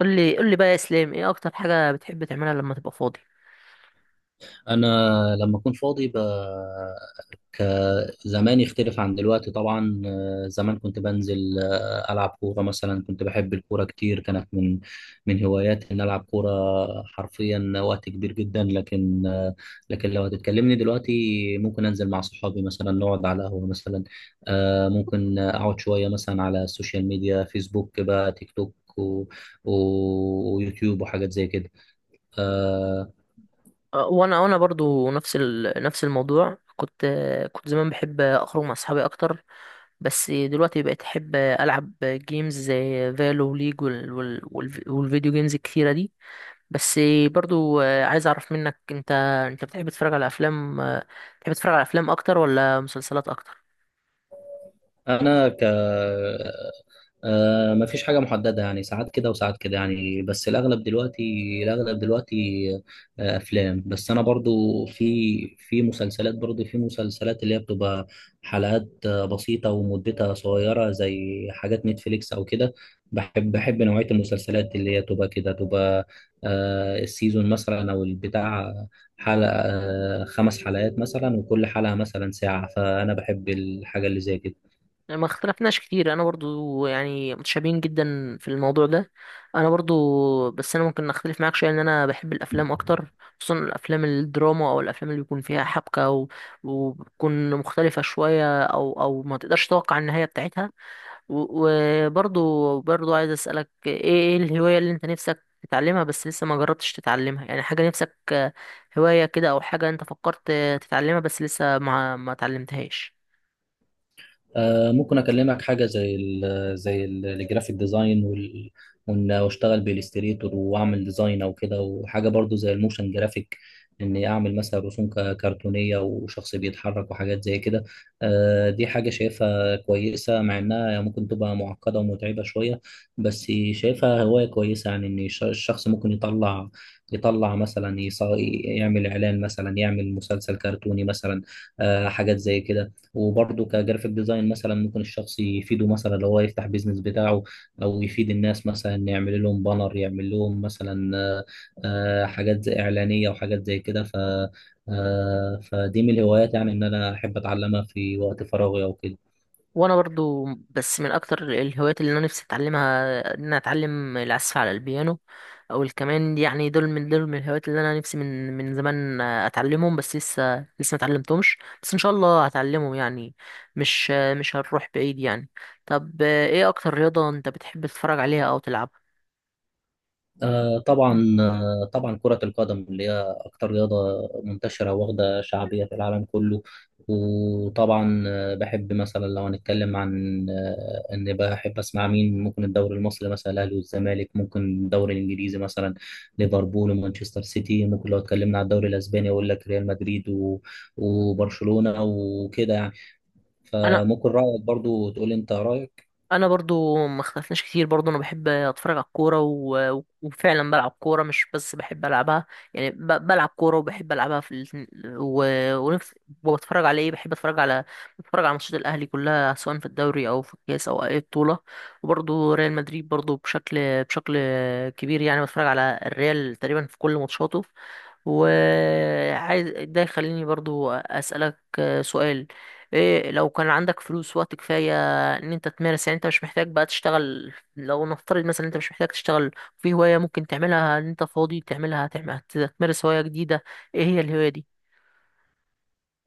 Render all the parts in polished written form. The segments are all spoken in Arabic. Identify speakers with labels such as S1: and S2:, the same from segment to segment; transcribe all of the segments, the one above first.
S1: قول لي قول لي بقى يا اسلام، ايه اكتر حاجه بتحب تعملها لما تبقى فاضي؟
S2: انا لما اكون فاضي ب... ك زمان يختلف عن دلوقتي طبعا. زمان كنت بنزل، العب كوره مثلا. كنت بحب الكوره كتير، كانت من هواياتي ان العب كوره حرفيا وقت كبير جدا. لكن لو هتتكلمني دلوقتي، ممكن انزل مع صحابي مثلا نقعد على قهوه مثلا. ممكن اقعد شويه مثلا على السوشيال ميديا، فيسبوك بقى، تيك توك و ويوتيوب وحاجات زي كده. آه،
S1: وانا برضو نفس الموضوع. كنت زمان بحب اخرج مع اصحابي اكتر. بس دلوقتي بقيت احب العب جيمز زي فالو وليج والفيديو جيمز الكتيره دي. بس برضو، عايز اعرف منك انت بتحب تتفرج على افلام، بتحب تتفرج على افلام اكتر ولا مسلسلات اكتر؟
S2: انا ما فيش حاجه محدده، يعني ساعات كده وساعات كده يعني. بس الاغلب دلوقتي افلام، بس انا برضو في مسلسلات، برضو في مسلسلات اللي هي بتبقى حلقات بسيطه ومدتها صغيره زي حاجات نتفليكس او كده. بحب نوعيه المسلسلات اللي هي تبقى كده، تبقى السيزون مثلا او البتاع، حلقه خمس حلقات مثلا، وكل حلقه مثلا ساعه. فانا بحب الحاجه اللي زي كده.
S1: يعني ما اختلفناش كتير، انا برضو يعني متشابهين جدا في الموضوع ده. انا برضو، بس انا ممكن اختلف معاك شويه ان انا بحب الافلام اكتر، خصوصا الافلام الدراما او الافلام اللي بيكون فيها حبكه وبتكون مختلفه شويه، او ما تقدرش تتوقع النهايه بتاعتها. وبرضو عايز اسالك، ايه الهوايه اللي انت نفسك تتعلمها بس لسه ما جربتش تتعلمها؟ يعني حاجه نفسك، هوايه كده، او حاجه انت فكرت تتعلمها بس لسه ما اتعلمتهاش.
S2: ممكن اكلمك حاجه زي الجرافيك ديزاين، واشتغل بالاستريتور واعمل ديزاين او كده، وحاجه برضو زي الموشن جرافيك. اني اعمل مثلا رسوم كرتونيه وشخص بيتحرك وحاجات زي كده. دي حاجه شايفها كويسه، مع انها ممكن تبقى معقده ومتعبه شويه، بس شايفها هوايه كويسه. يعني ان الشخص ممكن يطلع مثلا يعمل اعلان مثلا، يعمل مسلسل كرتوني مثلا، حاجات زي كده. وبرضه كجرافيك ديزاين مثلا ممكن الشخص يفيده، مثلا لو هو يفتح بيزنس بتاعه، او يفيد الناس مثلا يعمل لهم بانر، يعمل لهم مثلا حاجات زي اعلانيه وحاجات زي كده. ف آه، فدي من الهوايات، يعني ان انا احب اتعلمها في وقت فراغي او كده.
S1: وانا برضو، بس من اكتر الهوايات اللي انا نفسي اتعلمها ان انا اتعلم العزف على البيانو او الكمان، يعني دول من الهوايات اللي انا نفسي من زمان اتعلمهم، بس لسه ما اتعلمتهمش، بس ان شاء الله هتعلمهم يعني. مش هنروح بعيد يعني. طب ايه اكتر رياضة انت بتحب تتفرج عليها او تلعبها؟
S2: آه
S1: مم.
S2: طبعا آه طبعا كرة القدم اللي هي أكتر رياضة منتشرة واخدة شعبية في العالم كله. وطبعا بحب مثلا، لو هنتكلم عن إن بحب أسمع مين، ممكن الدوري المصري مثلا، الأهلي والزمالك، ممكن الدوري الإنجليزي مثلا، ليفربول ومانشستر سيتي، ممكن لو اتكلمنا عن الدوري الأسباني أقول لك ريال مدريد وبرشلونة وكده يعني.
S1: انا
S2: فممكن رأيك، برضو تقول لي أنت رأيك.
S1: انا برضو ما اختلفناش كتير. برضو انا بحب اتفرج على الكوره، وفعلا بلعب كوره، مش بس بحب العبها، يعني بلعب كوره وبحب العبها في الاتنين. و... ونفس وبتفرج على ايه بحب اتفرج على بتفرج على ماتشات الاهلي كلها، سواء في الدوري او في الكاس او اي بطوله. وبرضو ريال مدريد برضو بشكل كبير يعني، بتفرج على الريال تقريبا في كل ماتشاته. وعايز ده يخليني برضو اسالك سؤال. إيه، لو كان عندك فلوس وقت كفاية ان انت تمارس، يعني انت مش محتاج بقى تشتغل، لو نفترض مثلا انت مش محتاج تشتغل، في هواية ممكن تعملها ان انت فاضي تعملها، تعمل، تمارس هواية جديدة، ايه هي الهواية دي؟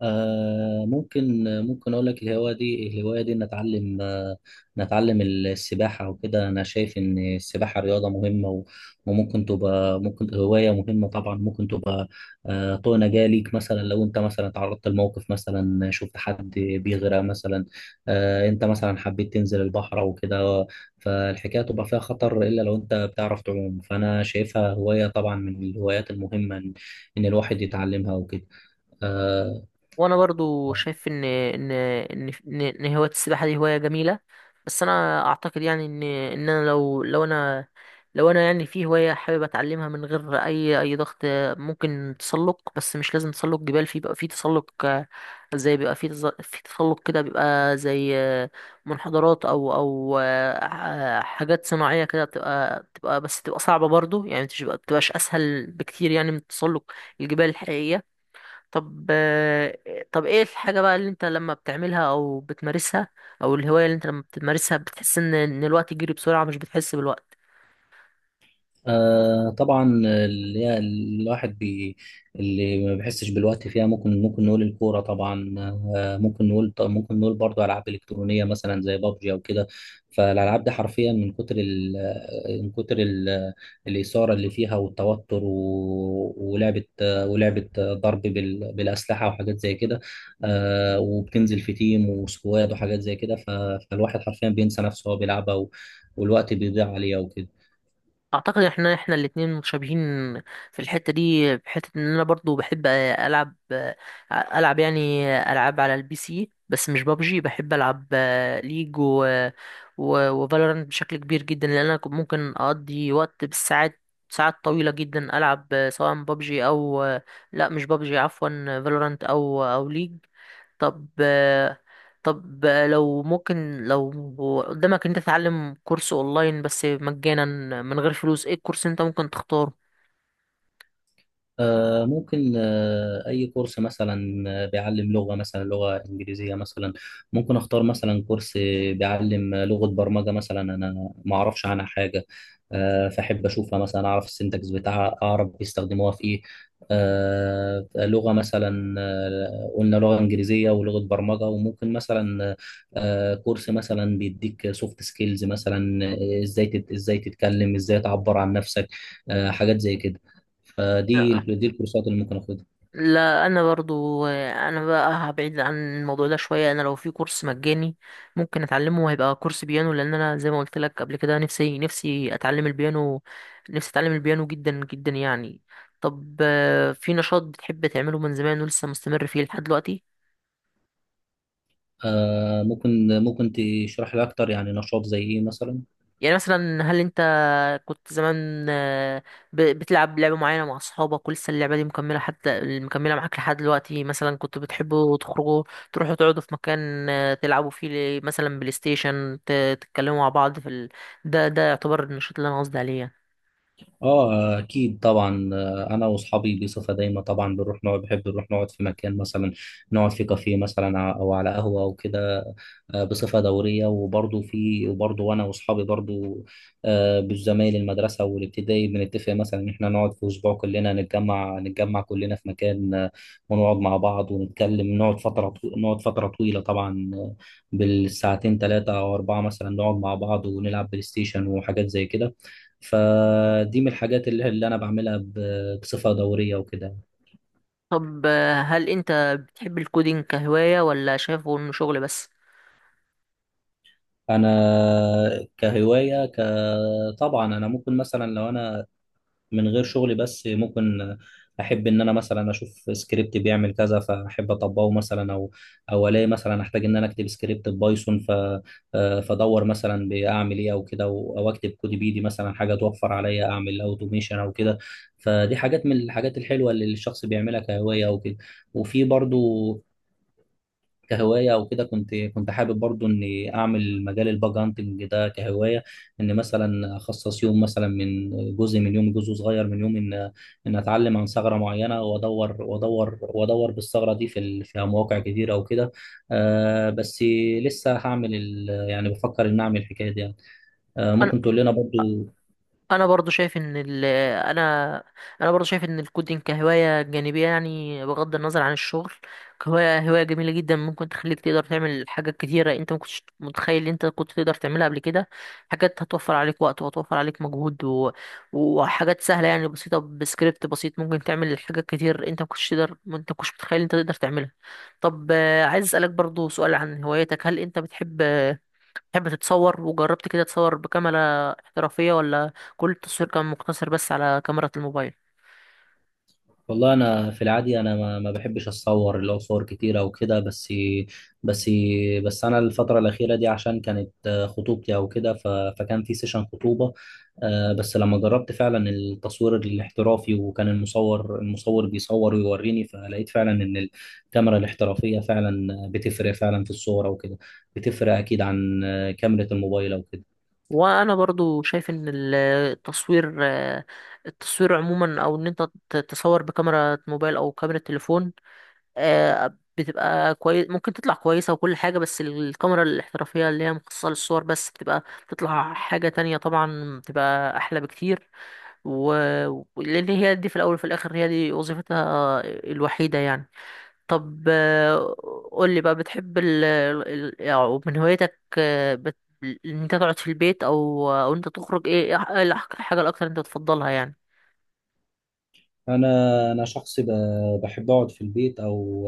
S2: ممكن اقول لك، الهوايه دي نتعلم، نتعلم السباحه وكده. انا شايف ان السباحه رياضه مهمه، وممكن تبقى ممكن هوايه مهمه طبعا. ممكن تبقى طوق نجاه ليك، مثلا لو انت مثلا تعرضت لموقف، مثلا شفت حد بيغرق، مثلا انت مثلا حبيت تنزل البحر او كده، فالحكايه تبقى فيها خطر، الا لو انت بتعرف تعوم. فانا شايفها هوايه، طبعا من الهوايات المهمه، ان الواحد يتعلمها وكده. آه،
S1: وانا برضو شايف ان هوايه السباحه دي هوايه جميله، بس انا اعتقد يعني ان انا، لو انا يعني، في هوايه حابب اتعلمها من غير اي ضغط، ممكن تسلق. بس مش لازم تسلق جبال، في بيبقى في تسلق، زي بيبقى في في تسلق كده، بيبقى زي منحدرات او حاجات صناعيه كده، بتبقى بس تبقى صعبه برضو يعني، مش بتبقاش اسهل بكتير يعني من تسلق الجبال الحقيقيه. طب، طب ايه الحاجة بقى اللي انت لما بتعملها او بتمارسها، او الهواية اللي انت لما بتمارسها بتحس ان الوقت يجري بسرعة، مش بتحس بالوقت؟
S2: طبعا اللي هي الواحد اللي ما بيحسش بالوقت فيها، ممكن نقول الكوره طبعا. آه ممكن نقول طب ممكن نقول برضه العاب الكترونيه مثلا، زي بابجي او كده. فالالعاب دي حرفيا من كتر الاثاره اللي فيها والتوتر، ولعبه ضرب بالاسلحه وحاجات زي كده. وبتنزل في تيم وسكواد وحاجات زي كده. فالواحد حرفيا بينسى نفسه وهو بيلعبها، والوقت بيضيع عليها وكده.
S1: اعتقد احنا الاتنين متشابهين في الحته دي، بحته ان انا برضو بحب العب، العب يعني العاب على البي سي، بس مش بابجي. بحب العب ليج و و وفالورانت بشكل كبير جدا، لان انا كنت ممكن اقضي وقت بالساعات، ساعات طويله جدا العب سواء بابجي او، لا مش بابجي، عفوا، فالورانت او ليج. طب، لو قدامك إن انت تتعلم كورس اونلاين، بس مجانا من غير فلوس، ايه الكورس انت ممكن تختاره؟
S2: ممكن أي كورس مثلا، بيعلم لغة، مثلا لغة إنجليزية مثلا. ممكن أختار مثلا كورس بيعلم لغة برمجة مثلا، أنا ما أعرفش عنها حاجة. فأحب أشوفها مثلا، أعرف السنتكس بتاعها، أعرف بيستخدموها في إيه. لغة مثلا، قلنا لغة إنجليزية ولغة برمجة، وممكن مثلا كورس مثلا بيديك سوفت سكيلز مثلا. إزاي تتكلم، إزاي تعبر عن نفسك، حاجات زي كده. فدي الكورسات اللي ممكن اخدها.
S1: لا، انا برضو، انا بقى هبعد عن الموضوع ده شويه. انا لو في كورس مجاني ممكن اتعلمه، هيبقى كورس بيانو، لان انا زي ما قلت لك قبل كده، نفسي اتعلم البيانو، نفسي اتعلم البيانو جدا جدا يعني. طب، في نشاط بتحب تعمله من زمان ولسه مستمر فيه لحد دلوقتي؟
S2: ممكن تشرح لي اكتر. يعني نشاط زي ايه مثلا؟
S1: يعني مثلا هل انت كنت زمان، بتلعب لعبة معينة مع أصحابك، ولسه اللعبة دي مكملة، حتى مكملة معاك لحد دلوقتي؟ مثلا كنتوا بتحبوا تخرجوا، تروحوا تقعدوا في مكان، تلعبوا فيه مثلا بلاي ستيشن، تتكلموا مع بعض في ده يعتبر النشاط اللي أنا قصدي عليه يعني.
S2: اه اكيد طبعا. انا واصحابي بصفه دايمه طبعا بنروح نقعد، بحب نروح نقعد في مكان مثلا، نقعد في كافيه مثلا او على قهوه او كده بصفه دوريه. وبرضه وانا واصحابي برضه بالزمايل المدرسه والابتدائي، بنتفق مثلا ان احنا نقعد في اسبوع كلنا، نتجمع كلنا في مكان، ونقعد مع بعض ونتكلم. نقعد فتره طويله طبعا، بالساعتين، ثلاثه او اربعه مثلا، نقعد مع بعض ونلعب بلاي ستيشن وحاجات زي كده. فدي من الحاجات اللي انا بعملها بصفه دوريه وكده.
S1: طب، هل أنت بتحب الكودينج كهواية ولا شايفه إنه شغل بس؟
S2: انا كهوايه طبعا انا ممكن مثلا، لو انا من غير شغلي بس، ممكن احب ان انا مثلا اشوف سكريبت بيعمل كذا فاحب اطبقه مثلا، او الاقي مثلا احتاج ان انا اكتب سكريبت بايثون. ف آه، فادور مثلا باعمل ايه او كده، او اكتب كود بايدي، مثلا حاجه توفر عليا، اعمل اوتوميشن او كده. فدي حاجات من الحاجات الحلوه اللي الشخص بيعملها كهوايه او كده. وفي برضو كهوايه او كده، كنت حابب برضو اني اعمل مجال الباج هانتنج ده كهوايه. ان مثلا اخصص يوم، مثلا جزء من يوم، جزء صغير من يوم، ان اتعلم عن ثغره معينه، وادور وادور وادور بالثغره دي في مواقع كتيره او كده. بس لسه هعمل يعني بفكر ان اعمل الحكايه دي يعني. ممكن تقول لنا برضو.
S1: انا برضو شايف ان ال انا انا برضو شايف ان الكودينج كهوايه جانبيه، يعني بغض النظر عن الشغل، كهوايه، هوايه جميله جدا. ممكن تخليك تقدر تعمل حاجات كتيره انت ما كنتش متخيل ان انت كنت تقدر تعملها قبل كده، حاجات هتوفر عليك وقت، وهتوفر عليك مجهود وحاجات سهله، يعني بسيطه، بسكريبت بسيط ممكن تعمل حاجات كتير انت ما كنتش تقدر، انت ما كنتش متخيل انت تقدر تعملها. طب، عايز اسالك برضو سؤال عن هوايتك. هل انت بتحب، تحب تتصور، وجربت كده تصور بكاميرا احترافية، ولا كل التصوير كان مقتصر بس على كاميرا الموبايل؟
S2: والله انا في العادي انا ما بحبش اتصور، اللي هو صور كتيره وكده. بس بس انا الفتره الاخيره دي، عشان كانت خطوبتي او كده، فكان في سيشن خطوبه. بس لما جربت فعلا التصوير الاحترافي، وكان المصور بيصور ويوريني، فلقيت فعلا ان الكاميرا الاحترافيه فعلا بتفرق فعلا في الصوره وكده، بتفرق اكيد عن كاميرا الموبايل او كده.
S1: وانا برضو شايف ان التصوير، التصوير عموما، او ان انت تصور بكاميرا موبايل او كاميرا تليفون، بتبقى كويس، ممكن تطلع كويسة وكل حاجة، بس الكاميرا الاحترافية اللي هي مخصصة للصور بس، بتبقى، بتطلع حاجة تانية طبعا. بتبقى احلى بكتير، و... لان هي دي في الاول وفي الاخر هي دي وظيفتها الوحيدة يعني. طب، قول لي بقى، بتحب يعني من هوايتك، ان انت تقعد في البيت، او انت تخرج، ايه إيه الحاجه الاكتر انت بتفضلها يعني؟
S2: انا شخص بحب اقعد في البيت، او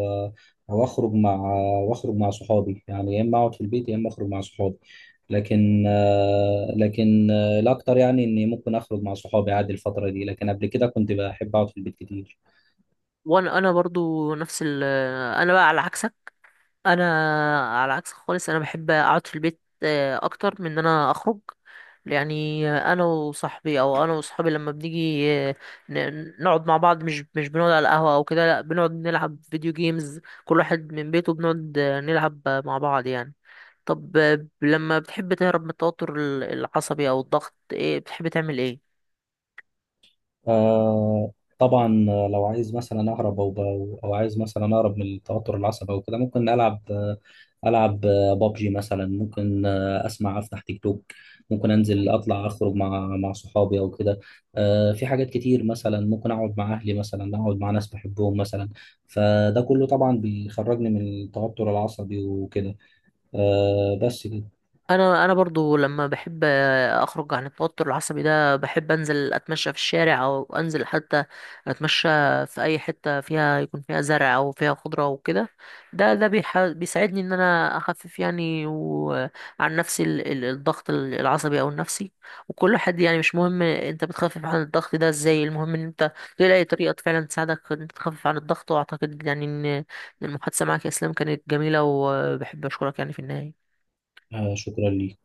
S2: او اخرج مع واخرج مع صحابي. يعني يا اما اقعد في البيت يا اما اخرج مع صحابي. لكن الاكتر يعني اني ممكن اخرج مع صحابي عادي الفتره دي، لكن قبل كده كنت بحب اقعد في البيت كتير.
S1: وانا برضو نفس انا بقى على عكسك. انا على عكس خالص، انا بحب اقعد في البيت اكتر من ان انا اخرج، يعني. انا وصاحبي، او انا وصحابي، لما بنيجي نقعد مع بعض، مش بنقعد على القهوة او كده، لا، بنقعد نلعب فيديو جيمز كل واحد من بيته، بنقعد نلعب مع بعض يعني. طب، لما بتحب تهرب من التوتر العصبي او الضغط، ايه بتحب تعمل، ايه؟
S2: آه طبعا، لو عايز مثلا اهرب، او عايز مثلا اهرب من التوتر العصبي او كده، ممكن العب العب بابجي مثلا. ممكن اسمع، افتح تيك توك. ممكن انزل، اطلع، اخرج مع صحابي او كده. في حاجات كتير مثلا، ممكن اقعد مع اهلي مثلا، اقعد مع ناس بحبهم مثلا. فده كله طبعا بيخرجني من التوتر العصبي وكده. بس كده.
S1: انا برضو لما بحب اخرج عن التوتر العصبي ده، بحب انزل اتمشى في الشارع، او انزل حتى اتمشى في اي حتة فيها، يكون فيها زرع او فيها خضرة وكده. ده بيساعدني ان انا اخفف يعني وعن نفسي الضغط العصبي او النفسي. وكل حد يعني، مش مهم انت بتخفف عن الضغط ده ازاي، المهم ان انت تلاقي طريقة فعلا تساعدك ان انت تخفف عن الضغط. واعتقد يعني ان المحادثة معك يا اسلام كانت جميلة، وبحب اشكرك يعني في النهاية.
S2: شكرا لي.